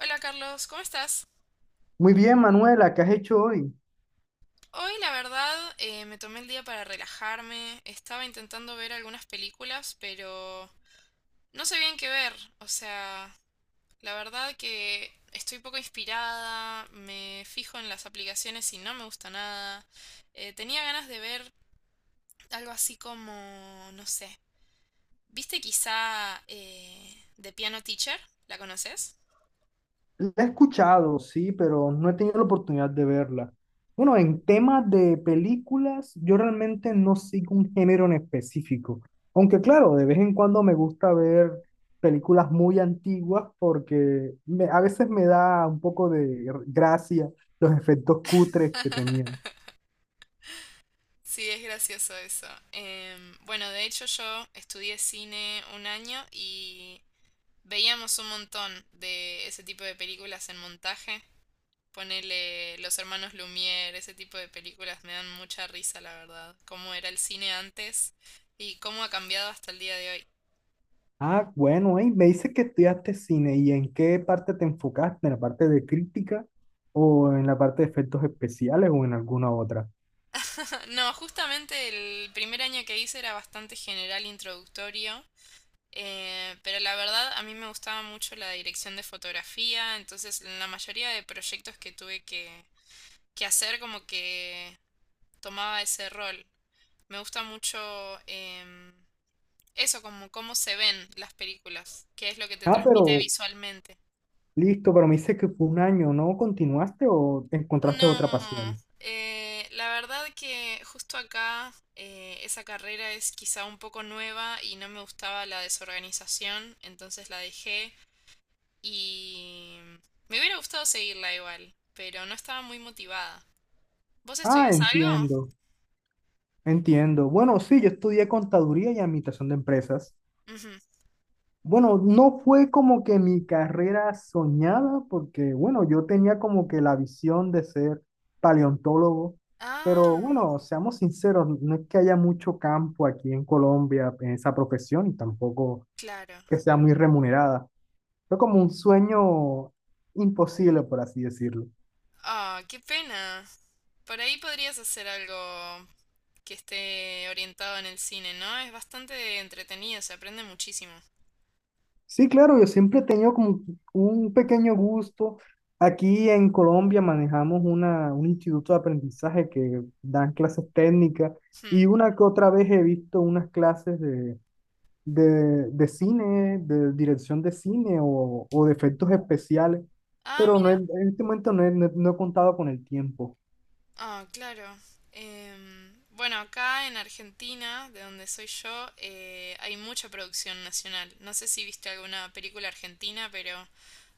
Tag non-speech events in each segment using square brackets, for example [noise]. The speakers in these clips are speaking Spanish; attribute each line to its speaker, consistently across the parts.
Speaker 1: Hola Carlos, ¿cómo estás?
Speaker 2: Muy bien, Manuela, ¿qué has hecho hoy?
Speaker 1: Hoy la verdad me tomé el día para relajarme, estaba intentando ver algunas películas, pero no sé bien qué ver, o sea, la verdad que estoy poco inspirada, me fijo en las aplicaciones y no me gusta nada. Tenía ganas de ver algo así como, no sé, ¿viste quizá The Piano Teacher? ¿La conoces?
Speaker 2: La he escuchado, sí, pero no he tenido la oportunidad de verla. Bueno, en temas de películas, yo realmente no sigo un género en específico. Aunque claro, de vez en cuando me gusta ver películas muy antiguas porque a veces me da un poco de gracia los efectos cutres que tenían.
Speaker 1: [laughs] Sí, es gracioso eso. Bueno, de hecho yo estudié cine un año y veíamos un montón de ese tipo de películas en montaje. Ponele Los Hermanos Lumière, ese tipo de películas me dan mucha risa, la verdad. Cómo era el cine antes y cómo ha cambiado hasta el día de hoy.
Speaker 2: Ah, bueno, ey, me dice que estudiaste cine y en qué parte te enfocaste, en la parte de crítica o en la parte de efectos especiales o en alguna otra.
Speaker 1: [laughs] No, justamente el primer año que hice era bastante general introductorio. Pero la verdad, a mí me gustaba mucho la dirección de fotografía, entonces en la mayoría de proyectos que tuve que hacer como que tomaba ese rol. Me gusta mucho em, eso, como cómo se ven las películas, qué es lo que te
Speaker 2: Ah,
Speaker 1: transmite
Speaker 2: pero
Speaker 1: visualmente.
Speaker 2: listo, pero me dice que fue un año, ¿no continuaste o encontraste otra
Speaker 1: No,
Speaker 2: pasión?
Speaker 1: la verdad que justo acá esa carrera es quizá un poco nueva y no me gustaba la desorganización, entonces la dejé. Y me hubiera gustado seguirla igual, pero no estaba muy motivada. ¿Vos
Speaker 2: Ah,
Speaker 1: estudias algo?
Speaker 2: entiendo, entiendo. Bueno, sí, yo estudié contaduría y administración de empresas.
Speaker 1: Ujú.
Speaker 2: Bueno, no fue como que mi carrera soñada, porque bueno, yo tenía como que la visión de ser paleontólogo, pero
Speaker 1: Ah,
Speaker 2: bueno, seamos sinceros, no es que haya mucho campo aquí en Colombia en esa profesión y tampoco
Speaker 1: claro.
Speaker 2: que sea muy remunerada. Fue como un sueño imposible, por así decirlo.
Speaker 1: Ah, qué pena. Por ahí podrías hacer algo que esté orientado en el cine, ¿no? Es bastante entretenido, se aprende muchísimo.
Speaker 2: Sí, claro, yo siempre he tenido como un pequeño gusto. Aquí en Colombia manejamos un instituto de aprendizaje que dan clases técnicas
Speaker 1: Hmm.
Speaker 2: y una que otra vez he visto unas clases de, cine, de dirección de cine o de efectos especiales,
Speaker 1: Ah,
Speaker 2: pero no he-
Speaker 1: mira.
Speaker 2: en este momento no he contado con el tiempo.
Speaker 1: Ah, claro. Bueno, acá en Argentina, de donde soy yo, hay mucha producción nacional. No sé si viste alguna película argentina, pero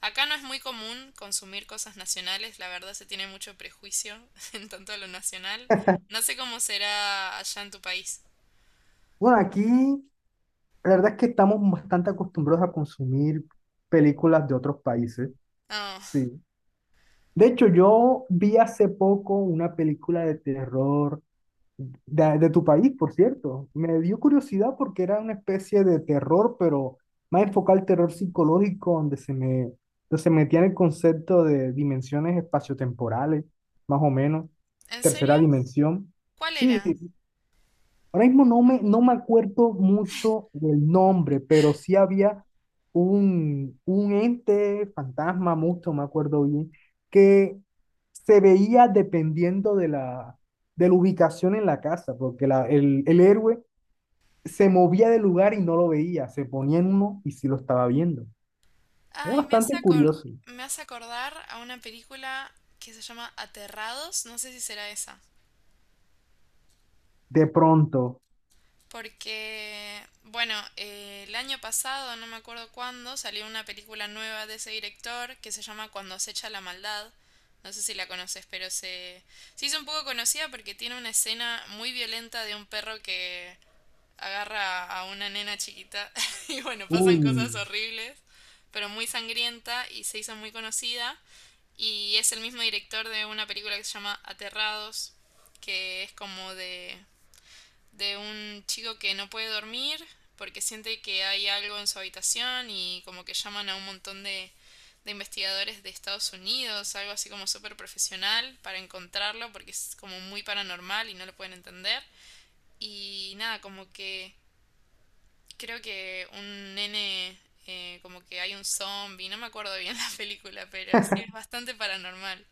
Speaker 1: acá no es muy común consumir cosas nacionales. La verdad se tiene mucho prejuicio [laughs] en tanto a lo nacional. No sé cómo será allá en tu país.
Speaker 2: Bueno, aquí la verdad es que estamos bastante acostumbrados a consumir películas de otros países.
Speaker 1: Oh,
Speaker 2: Sí. De hecho, yo vi hace poco una película de terror de tu país, por cierto. Me dio curiosidad porque era una especie de terror, pero más enfocado al terror psicológico, donde se metía en el concepto de dimensiones espaciotemporales, más o menos,
Speaker 1: ¿en
Speaker 2: tercera
Speaker 1: serio?
Speaker 2: dimensión.
Speaker 1: ¿Cuál
Speaker 2: Sí,
Speaker 1: era?
Speaker 2: ahora mismo no me acuerdo mucho del nombre, pero sí había un ente, fantasma, mucho, me acuerdo bien, que se veía dependiendo de la, ubicación en la casa, porque el héroe se movía del lugar y no lo veía, se ponía en uno y sí lo estaba viendo. Era
Speaker 1: Ay,
Speaker 2: bastante curioso.
Speaker 1: me hace acordar a una película que se llama Aterrados. No sé si será esa.
Speaker 2: De pronto,
Speaker 1: Porque, bueno, el año pasado, no me acuerdo cuándo, salió una película nueva de ese director que se llama Cuando acecha la maldad. No sé si la conoces, pero se hizo un poco conocida porque tiene una escena muy violenta de un perro que agarra a una nena chiquita [laughs] y bueno, pasan
Speaker 2: uy,
Speaker 1: cosas horribles, pero muy sangrienta y se hizo muy conocida. Y es el mismo director de una película que se llama Aterrados, que es como de un chico que no puede dormir porque siente que hay algo en su habitación y como que llaman a un montón de investigadores de Estados Unidos, algo así como súper profesional para encontrarlo porque es como muy paranormal y no lo pueden entender. Y nada, como que creo que un nene, como que hay un zombie, no me acuerdo bien [laughs] la película, pero sí es bastante paranormal.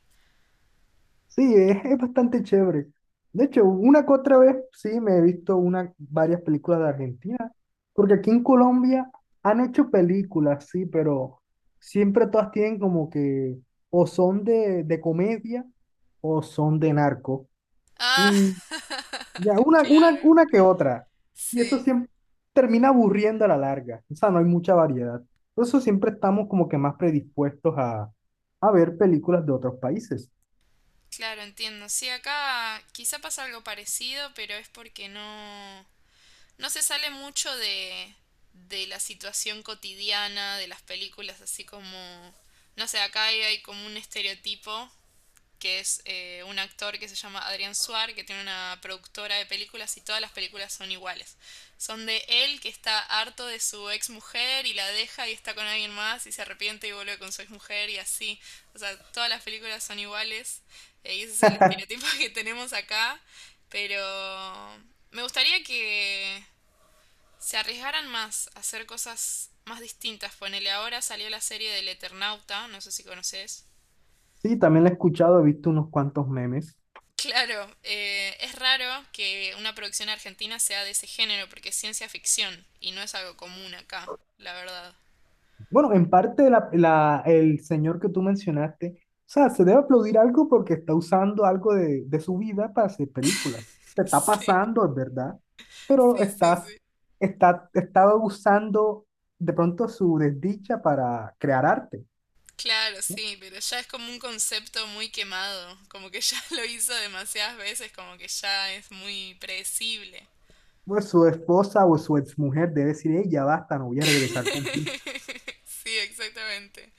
Speaker 2: sí, es bastante chévere. De hecho, una que otra vez sí me he visto varias películas de Argentina, porque aquí en Colombia han hecho películas, sí, pero siempre todas tienen como que o son de, comedia o son de narco.
Speaker 1: Ah,
Speaker 2: Y ya, una,
Speaker 1: [laughs]
Speaker 2: una,
Speaker 1: claro,
Speaker 2: una que otra. Y eso
Speaker 1: sí.
Speaker 2: siempre termina aburriendo a la larga. O sea, no hay mucha variedad. Por eso siempre estamos como que más predispuestos a ver películas de otros países.
Speaker 1: Claro, entiendo. Sí, acá quizá pasa algo parecido, pero es porque no se sale mucho de la situación cotidiana, de las películas, así como, no sé, acá hay como un estereotipo que es un actor que se llama Adrián Suar, que tiene una productora de películas y todas las películas son iguales. Son de él que está harto de su ex mujer y la deja y está con alguien más y se arrepiente y vuelve con su ex mujer y así. O sea, todas las películas son iguales y ese es el estereotipo [laughs] que tenemos acá. Pero me gustaría que se arriesgaran más a hacer cosas más distintas. Ponele ahora salió la serie del Eternauta, no sé si conoces.
Speaker 2: Sí, también la he escuchado, he visto unos cuantos memes.
Speaker 1: Claro, es raro que una producción argentina sea de ese género porque es ciencia ficción y no es algo común acá, la verdad. [laughs]
Speaker 2: Bueno, en parte el señor que tú mencionaste, o sea, se debe aplaudir algo porque está usando algo de su vida para hacer películas. Se está
Speaker 1: Sí,
Speaker 2: pasando, es verdad, pero
Speaker 1: sí, sí, sí.
Speaker 2: estaba usando de pronto su desdicha para crear arte,
Speaker 1: Claro,
Speaker 2: ¿no?
Speaker 1: sí, pero ya es como un concepto muy quemado, como que ya [laughs] lo hizo demasiadas veces, como que ya es muy predecible.
Speaker 2: Pues su esposa o su exmujer debe decir, ella basta, no voy a regresar contigo.
Speaker 1: [laughs] Sí, exactamente.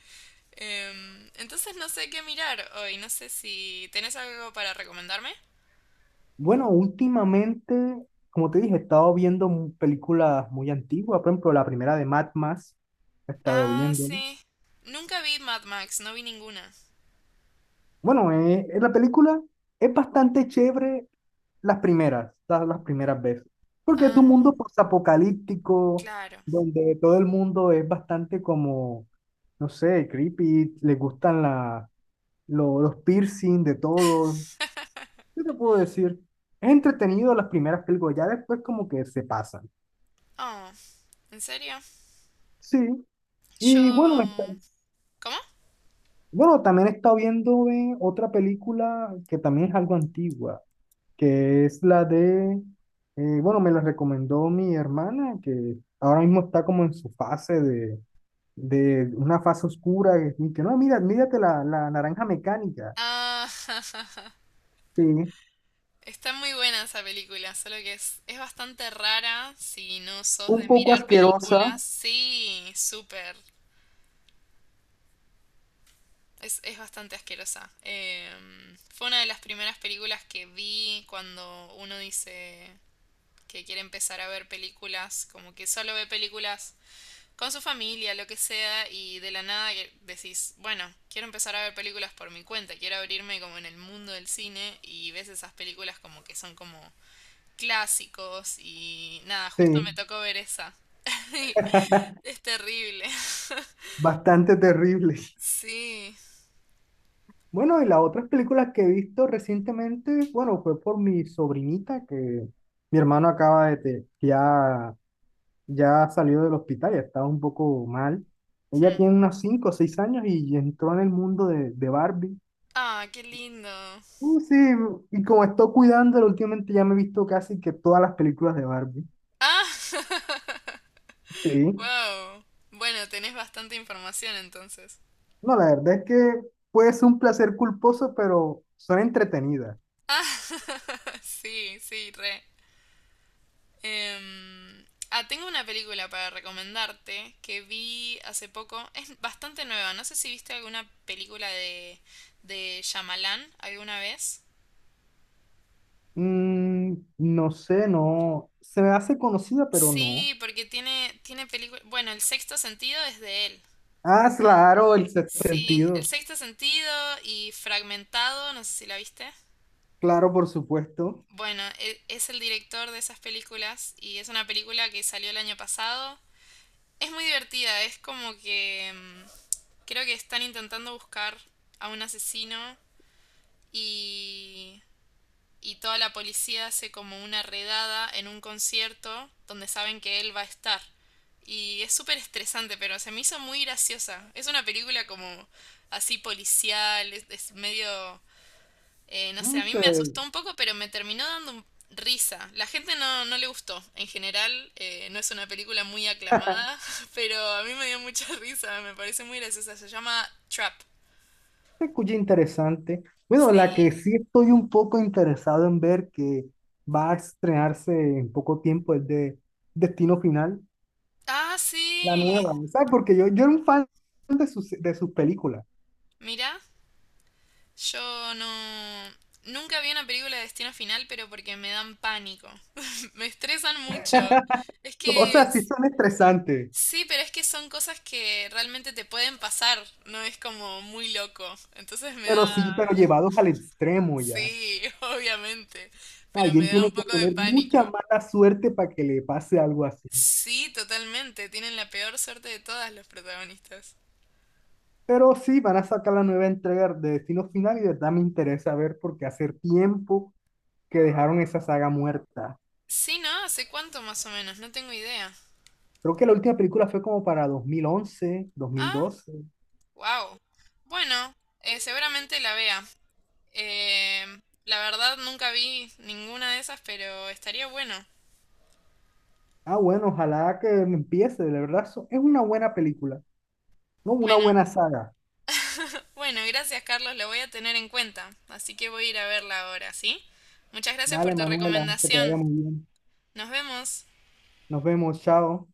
Speaker 1: Entonces no sé qué mirar hoy, no sé si tenés algo para recomendarme.
Speaker 2: Bueno, últimamente, como te dije, he estado viendo películas muy antiguas, por ejemplo, la primera de Mad Max, he estado
Speaker 1: Ah,
Speaker 2: viendo.
Speaker 1: sí. Nunca vi Mad Max, no vi ninguna.
Speaker 2: Bueno, la película es bastante chévere las primeras veces, porque es de un
Speaker 1: Ah,
Speaker 2: mundo postapocalíptico,
Speaker 1: claro.
Speaker 2: donde todo el mundo es bastante como, no sé, creepy, le gustan los piercing de todo.
Speaker 1: [laughs]
Speaker 2: ¿Qué te puedo decir? Es entretenido las primeras películas, ya después como que se pasan.
Speaker 1: Oh, ¿en serio?
Speaker 2: Sí. Y bueno,
Speaker 1: Yo... ¿Cómo?
Speaker 2: bueno, también he estado viendo otra película que también es algo antigua, que es la de, bueno, me la recomendó mi hermana, que ahora mismo está como en su fase de, una fase oscura, y que no, mira, mírate la naranja mecánica,
Speaker 1: Ah, [laughs]
Speaker 2: sí,
Speaker 1: está muy buena esa película, solo que es bastante rara si no sos de
Speaker 2: un poco
Speaker 1: mirar
Speaker 2: asquerosa,
Speaker 1: películas. Sí, súper. Es bastante asquerosa. Em, fue una de las primeras películas que vi cuando uno dice que quiere empezar a ver películas, como que solo ve películas con su familia, lo que sea, y de la nada que decís, bueno, quiero empezar a ver películas por mi cuenta, quiero abrirme como en el mundo del cine y ves esas películas como que son como clásicos y nada, justo me
Speaker 2: sí,
Speaker 1: tocó ver esa. [laughs] Es terrible.
Speaker 2: bastante terrible. [laughs]
Speaker 1: Sí.
Speaker 2: Bueno, y las otras películas que he visto recientemente, bueno, fue por mi sobrinita, que mi hermano acaba ya salió del hospital, ya estaba un poco mal. Ella
Speaker 1: Hmm.
Speaker 2: tiene unos 5 o 6 años y entró en el mundo de Barbie.
Speaker 1: Ah, qué lindo.
Speaker 2: Sí, y como estoy cuidándola últimamente ya me he visto casi que todas las películas de Barbie.
Speaker 1: Ah, [laughs]
Speaker 2: Sí.
Speaker 1: wow. Bueno, tenés bastante información entonces.
Speaker 2: No, la verdad es que puede ser un placer culposo, pero son entretenidas.
Speaker 1: Ah, [laughs] sí, sí, re. Em, ah, tengo una película para recomendarte que vi hace poco. Es bastante nueva. No sé si viste alguna película de Shyamalan alguna vez.
Speaker 2: Mm, no sé, no. Se me hace conocida, pero no.
Speaker 1: Sí, porque tiene películas... Bueno, El Sexto Sentido es de él.
Speaker 2: Ah, claro, el sexto
Speaker 1: Sí, El
Speaker 2: sentido.
Speaker 1: Sexto Sentido y Fragmentado, no sé si la viste.
Speaker 2: Claro, por supuesto.
Speaker 1: Bueno, es el director de esas películas y es una película que salió el año pasado. Es muy divertida, es como que mm, creo que están intentando buscar a un asesino y, y toda la policía hace como una redada en un concierto donde saben que él va a estar. Y es súper estresante, pero se me hizo muy graciosa. Es una película como así policial, es medio no sé,
Speaker 2: Mm,
Speaker 1: a mí me
Speaker 2: sí,
Speaker 1: asustó un poco, pero me terminó dando risa. La gente no le gustó. En general, no es una película muy aclamada, [laughs] pero a mí me dio mucha [laughs] risa, me parece muy graciosa. Se llama Trap.
Speaker 2: se escucha interesante. Bueno, la que
Speaker 1: Sí.
Speaker 2: sí estoy un poco interesado en ver que va a estrenarse en poco tiempo es de Destino Final,
Speaker 1: Ah,
Speaker 2: la
Speaker 1: sí.
Speaker 2: nueva, ¿sabes? Porque yo era un fan de sus películas.
Speaker 1: Mira, yo no... Nunca vi una película de Destino Final, pero porque me dan pánico. [laughs] Me estresan mucho. Es
Speaker 2: O
Speaker 1: que...
Speaker 2: sea, sí son estresantes,
Speaker 1: Sí, pero es que son cosas que realmente te pueden pasar, no es como muy loco. Entonces me
Speaker 2: pero
Speaker 1: da...
Speaker 2: sí, pero llevados al extremo ya.
Speaker 1: Sí, [laughs] obviamente, pero me
Speaker 2: Alguien
Speaker 1: da
Speaker 2: tiene
Speaker 1: un
Speaker 2: que
Speaker 1: poco de
Speaker 2: tener
Speaker 1: pánico.
Speaker 2: mucha mala suerte para que le pase algo así.
Speaker 1: Sí, totalmente, tienen la peor suerte de todas los protagonistas.
Speaker 2: Pero sí, van a sacar la nueva entrega de Destino Final y de verdad me interesa ver porque hace tiempo que dejaron esa saga muerta.
Speaker 1: Sí, ¿no? ¿Hace cuánto más o menos? No tengo idea.
Speaker 2: Creo que la última película fue como para 2011 dos mil
Speaker 1: Ah,
Speaker 2: doce
Speaker 1: wow. Bueno, seguramente la vea. Eh, la verdad nunca vi ninguna de esas, pero estaría bueno.
Speaker 2: Ah, bueno, ojalá que empiece, de verdad. Es una buena película, ¿no? Una
Speaker 1: Bueno,
Speaker 2: buena saga.
Speaker 1: bueno, gracias Carlos, lo voy a tener en cuenta, así que voy a ir a verla ahora, ¿sí? Muchas gracias por
Speaker 2: Dale,
Speaker 1: tu
Speaker 2: Manuela, que te vaya
Speaker 1: recomendación.
Speaker 2: muy bien.
Speaker 1: Nos vemos.
Speaker 2: Nos vemos, chao.